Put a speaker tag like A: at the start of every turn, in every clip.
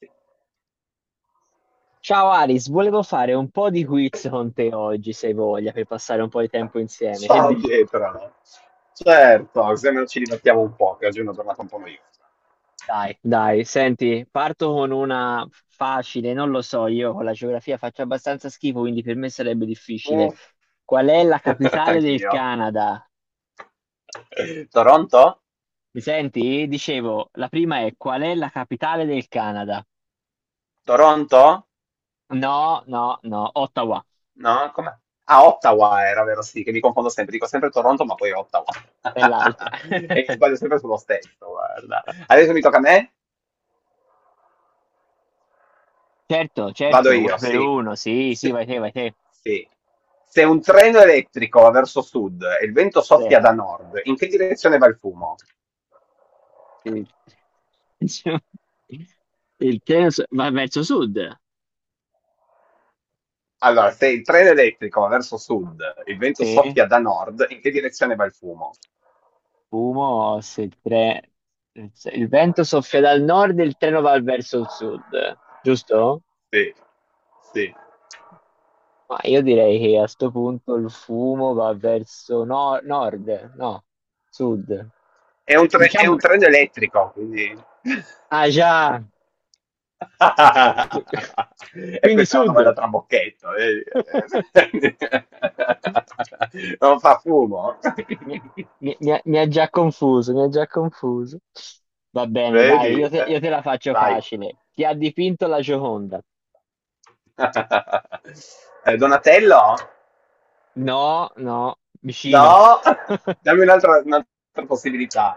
A: Sì.
B: Ciao Aris, volevo fare un po' di quiz con te oggi, se hai voglia, per passare un po' di tempo insieme. Che
A: Ciao
B: dici?
A: Pietro. Certo, se non ci divertiamo un po', che oggi è una giornata un po' noiosa.
B: Dai, dai, senti, parto con una facile, non lo so, io con la geografia faccio abbastanza schifo, quindi per me sarebbe difficile.
A: Uff,
B: Qual è la capitale del
A: anch'io.
B: Canada?
A: Toronto?
B: Mi senti? Dicevo, la prima è: qual è la capitale del Canada?
A: Toronto?
B: No, no, no, Ottawa
A: No? Com'è? Ah, Ottawa era, vero? Sì, che mi confondo sempre. Dico sempre Toronto, ma poi Ottawa.
B: è l'altra.
A: E sbaglio sempre sullo stesso, guarda. Adesso mi tocca a me?
B: Certo,
A: Vado
B: certo, una
A: io,
B: per
A: sì.
B: uno, sì, sì,
A: Sì.
B: vai te, vai te.
A: Sì. Se un treno elettrico va verso sud e il vento soffia da nord, in che direzione va il fumo?
B: Sì, sì. Cioè, va verso sud.
A: Allora, se il treno elettrico va verso sud, il vento
B: Se
A: soffia da nord, in che direzione va il fumo?
B: fumo, se il, tre... Se il vento soffia dal nord, il treno va verso il sud, giusto?
A: Sì, sì.
B: Ma io direi che a sto punto il fumo va verso nord, no, sud.
A: È un
B: Diciamo,
A: treno elettrico, quindi...
B: ah già, Qui-
A: E
B: quindi
A: questa è una
B: sud.
A: domanda trabocchetto, eh. Non fa fumo.
B: Mi, mi ha già confuso, mi ha già confuso. Va bene, dai,
A: Vedi?
B: io te la faccio
A: Vai.
B: facile. Chi ha dipinto la Gioconda?
A: Donatello?
B: No, no, vicino.
A: No, dammi un'altra possibilità.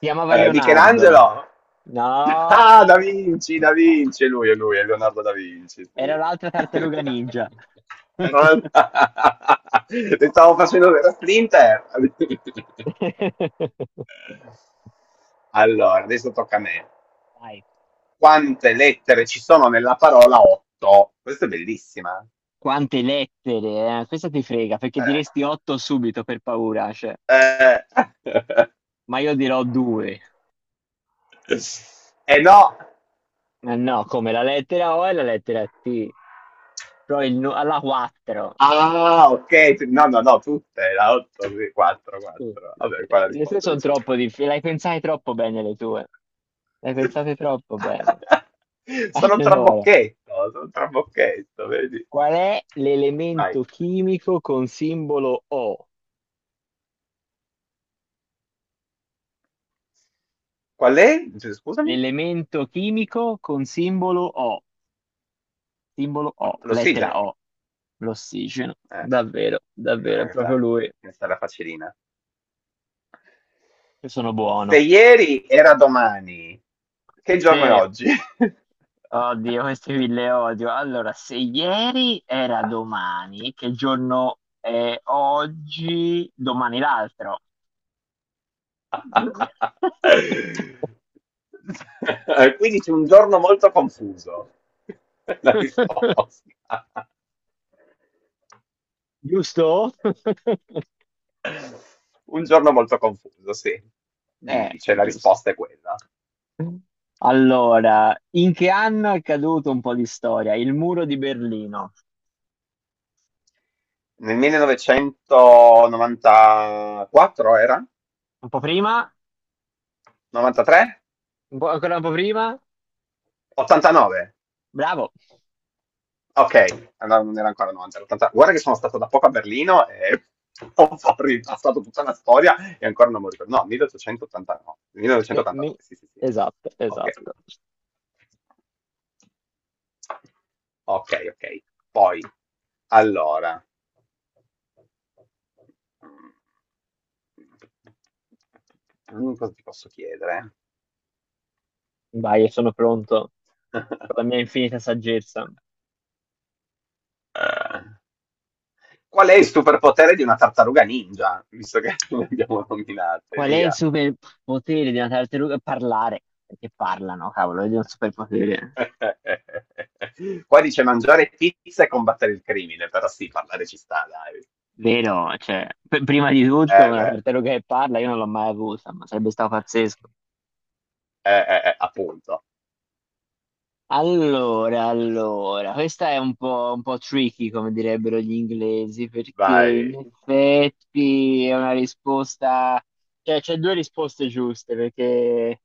B: Si chiamava Leonardo.
A: Michelangelo?
B: No,
A: Ah, Da Vinci, Da Vinci, è lui, è lui, è Leonardo Da Vinci,
B: era
A: sì.
B: l'altra tartaruga ninja.
A: Però- Ti stavo facendo la splinter. Allora, adesso tocca a me.
B: Vai.
A: Quante lettere ci sono nella parola 8? Questa è bellissima.
B: Quante lettere, eh? Questa ti frega, perché
A: Eh,
B: diresti otto subito per paura, cioè.
A: eh.
B: Ma io dirò due.
A: Eh no.
B: Ma no, come la lettera O e la lettera T. Alla quattro.
A: Ah, ok, no, no, no, tutte, la 8, 4,
B: Sì.
A: 4. Vabbè, qua la
B: Le tue
A: risposta
B: sono
A: dice
B: troppo
A: 4.
B: difficili, le hai pensate troppo bene le tue. Le hai pensate troppo bene. Allora,
A: Sono un trabocchetto, vedi?
B: qual è
A: Vai.
B: l'elemento chimico con simbolo O?
A: Qual è? Cioè, scusami?
B: L'elemento chimico con simbolo O, simbolo O, lettera
A: L'ossigeno.
B: O, l'ossigeno.
A: Eh,
B: Davvero,
A: no,
B: davvero, è proprio
A: questa,
B: lui.
A: questa era facilina.
B: Io sono
A: Se
B: buono.
A: ieri era domani, che giorno è
B: Sì,
A: oggi?
B: oddio, questi qui le odio. Allora, se ieri era domani, che giorno è oggi? Domani l'altro.
A: Quindi c'è un giorno molto confuso. La risposta.
B: Giusto?
A: Un giorno molto confuso, sì. Dice, la
B: Giusto.
A: risposta è quella.
B: Allora, in che anno è caduto, un po' di storia, il muro di Berlino?
A: Nel 1994 era?
B: Un po' prima?
A: 93?
B: Un po', ancora un po' prima?
A: 89?
B: Bravo.
A: Ok, allora non era ancora 90, 80. Guarda che sono stato da poco a Berlino e ho ripassato tutta la storia e ancora non mi ricordo. No, 1889.
B: E mi-
A: 1989, sì, sì, sì.
B: Esatto,
A: Ok,
B: esatto.
A: ok, ok. Poi, allora. Cosa ti posso chiedere?
B: Vai, sono pronto con la mia infinita saggezza.
A: Eh, Qual è il superpotere di una tartaruga ninja? Visto che le abbiamo nominate,
B: Qual è il
A: via.
B: superpotere di una tartaruga? Parlare, perché parlano, cavolo, è un superpotere.
A: Qua dice mangiare pizza e combattere il crimine, però sì, parlare ci sta, dai.
B: Vero, cioè, prima di tutto una
A: Beh,
B: tartaruga che parla io non l'ho mai avuta, ma sarebbe stato pazzesco.
A: appunto.
B: Allora, allora, questa è un po' tricky, come direbbero gli inglesi, perché in
A: Vai,
B: effetti è una risposta, cioè c'è due risposte giuste, perché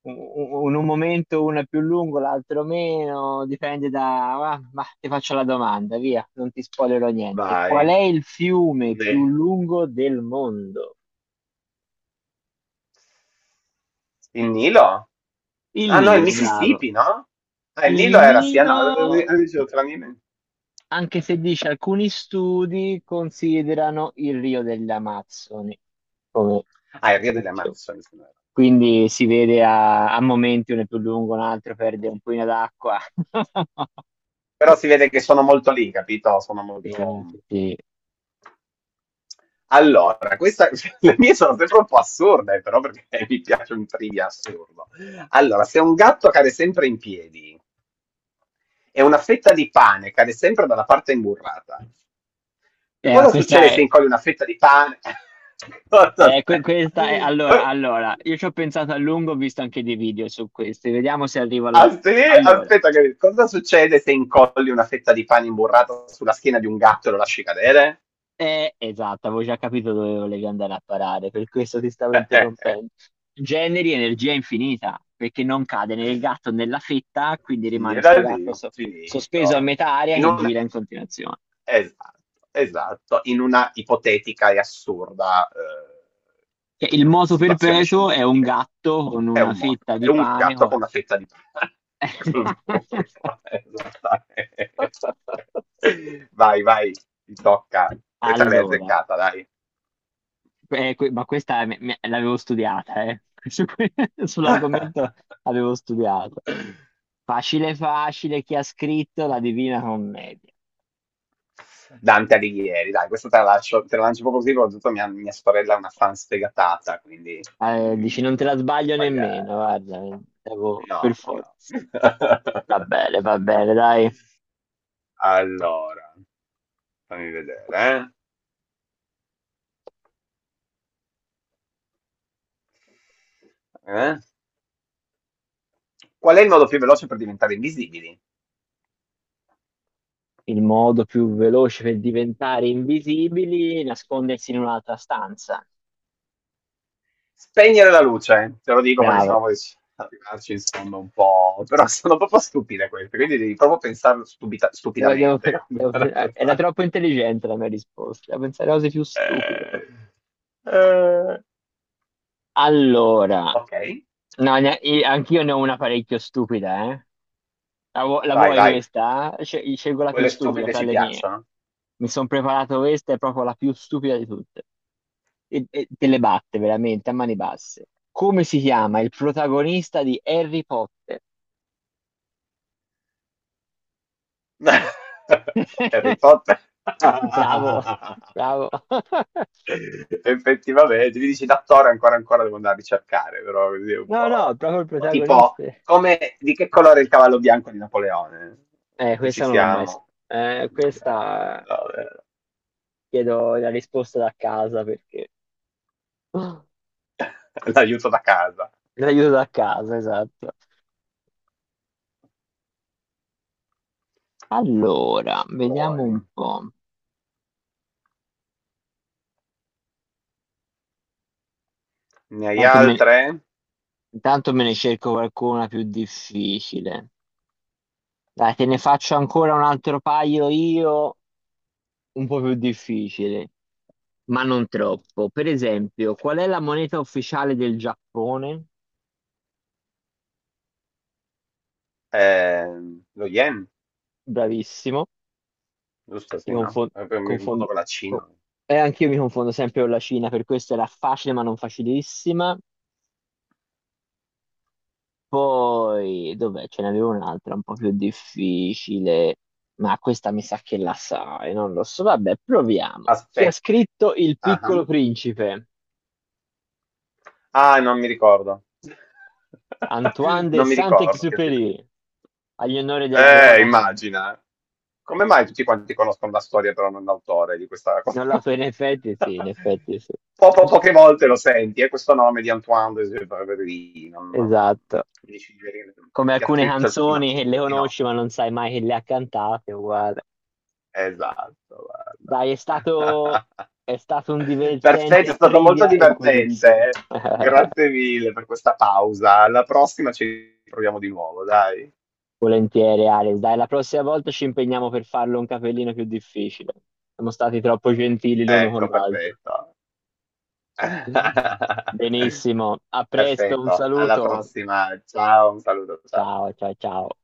B: u- in un momento una è più lungo, l'altro meno, dipende da... ma ti faccio la domanda, via, non ti spoilerò niente.
A: vai.
B: Qual è il fiume più
A: Eh,
B: lungo del mondo?
A: Il Nilo?
B: Il
A: Ah no, il
B: Nilo, bravo.
A: Mississippi, no? Ah, il Nilo
B: Il
A: era, sì, ah, no,
B: Nilo,
A: dicevo tra Nilo e-
B: anche se dice alcuni studi considerano il Rio delle Amazzoni come
A: Ah, il Rio delle
B: fischio.
A: Amazzoni, se non erro.
B: Quindi si vede a, a momenti uno è più lungo, un altro perde un po' d'acqua.
A: Però si vede che sono molto lì, capito? Sono
B: Sì,
A: molto...
B: sì, sì.
A: Allora, questa, le mie sono sempre un po' assurde, però perché mi piace un trivia assurdo. Allora, se un gatto cade sempre in piedi e una fetta di pane cade sempre dalla parte imburrata,
B: Eh,
A: cosa
B: questa
A: succede se
B: è,
A: incolli una fetta di pane? Aspetta,
B: Questa è, allora,
A: Co-
B: allora, io ci ho pensato a lungo, ho visto anche dei video su questi, vediamo se arrivo alla...
A: Aspetta,
B: Allora,
A: aspetta cosa succede se incolli una fetta di pane imburrata sulla schiena di un gatto e lo lasci cadere?
B: eh, esatto, avevo già capito dove volevi andare a parare, per questo ti stavo interrompendo. Generi energia infinita, perché non cade né il gatto né la fetta, quindi rimane
A: Gira
B: sto
A: all'infinito.
B: sospeso a metà aria
A: In
B: che
A: un,
B: gira in continuazione.
A: Esatto, esatto, in una ipotetica e assurda
B: Che il moto
A: situazione
B: perpetuo è un
A: scientifica, diciamo.
B: gatto con
A: È
B: una
A: un, mo-
B: fetta
A: è
B: di
A: un
B: pane.
A: gatto con una fetta di pane col burro, esattamente. Vai, vai, ti tocca. Questa l'hai
B: Allora,
A: azzeccata, dai.
B: ma l'avevo studiata, eh. Su que- Sull'argomento avevo studiato. Facile facile, chi ha scritto la Divina Commedia?
A: Dante Alighieri, dai, questa te la lascio, te la lancio proprio così, soprattutto mia sorella è una fan sfegatata, quindi
B: Dici, non te
A: non
B: la
A: posso
B: sbaglio nemmeno,
A: sbagliare.
B: guarda, per
A: No,
B: forza.
A: no.
B: Va bene, dai.
A: Allora, fammi vedere. Eh? Eh? Qual è il modo più veloce per diventare invisibili?
B: Il modo più veloce per diventare invisibili è nascondersi in un'altra stanza.
A: Spegnere la luce, te lo dico perché sennò
B: Bravo.
A: poi arrivarci insomma un po'... Però sono proprio stupide queste, quindi devi proprio pensare
B: Devo- devo-
A: stupidamente. Cominciare a
B: Era
A: pensare.
B: troppo intelligente la mia risposta, devo pensare a cose più stupide.
A: Eh, eh,
B: Allora,
A: ok,
B: no, anch'io ne ho una parecchio stupida, eh. La
A: vai,
B: vuoi
A: vai.
B: questa? Scelgo la più
A: Quelle
B: stupida
A: stupide
B: fra
A: ci
B: le mie.
A: piacciono.
B: Mi sono preparato questa, è proprio la più stupida di tutte. E te le batte veramente a mani basse. Come si chiama il protagonista di Harry Potter?
A: Harry Potter.
B: Bravo, bravo.
A: Effettivamente, mi dici l'attore ancora ancora devo andare a ricercare, però così è un
B: No, no,
A: po'...
B: proprio il
A: Tipo,
B: protagonista.
A: come, di che colore è il cavallo bianco di Napoleone? Perché ci
B: Questa non l'ho mai so-
A: siamo.
B: Questa
A: No,
B: chiedo la risposta da casa perché
A: l'aiuto da casa.
B: l'aiuto da casa, esatto. Allora, vediamo un
A: Poi,
B: po'.
A: ne hai
B: Tanto me,
A: altre?
B: Intanto me ne cerco qualcuna più difficile. Dai, te ne faccio ancora un altro paio io, un po' più difficile, ma non troppo. Per esempio, qual è la moneta ufficiale del Giappone?
A: Eh, lo yen,
B: Bravissimo.
A: giusto,
B: Ti
A: sì, no?
B: confon-
A: Mi
B: confon-
A: confondo con la
B: co-
A: Cina.
B: Eh, anch'io mi confondo sempre con la Cina, per questo era facile ma non facilissima. Poi, dov'è? Ce n'avevo un'altra un po' più difficile, ma questa mi sa che la sai, non lo so. Vabbè, proviamo. Chi ha
A: Aspetta.
B: scritto Il Piccolo Principe?
A: Ah, non mi ricordo.
B: Antoine de
A: Non mi ricordo. Che ti-
B: Saint-Exupéry. Agli onori della cronaca.
A: Immagina. Come mai tutti quanti conoscono la storia, però non l'autore di questa cosa?
B: Non la so, in effetti sì, in effetti sì.
A: Poche volte lo senti, è questo nome di Antoine de Saint-Exupéry, non...
B: Esatto.
A: mi dici di venire-
B: Come
A: Chi ha
B: alcune
A: scritto il Pinocchio?
B: canzoni
A: Chi ha
B: che le
A: scritto Pinocchio?
B: conosci ma non sai mai che le ha cantate, uguale.
A: Esatto,
B: Dai, è
A: guarda.
B: stato, è stato un
A: Perfetto, è
B: divertente
A: stato molto
B: trivia e quiz.
A: divertente. Grazie mille per questa pausa. Alla prossima ci proviamo di nuovo, dai.
B: Volentieri, Alex. Dai, la prossima volta ci impegniamo per farlo un capellino più difficile. Siamo stati troppo gentili l'uno con
A: Ecco,
B: l'altro.
A: perfetto.
B: Benissimo, a presto, un
A: Perfetto, alla
B: saluto.
A: prossima. Ciao, un saluto, ciao.
B: Ciao, ciao, ciao.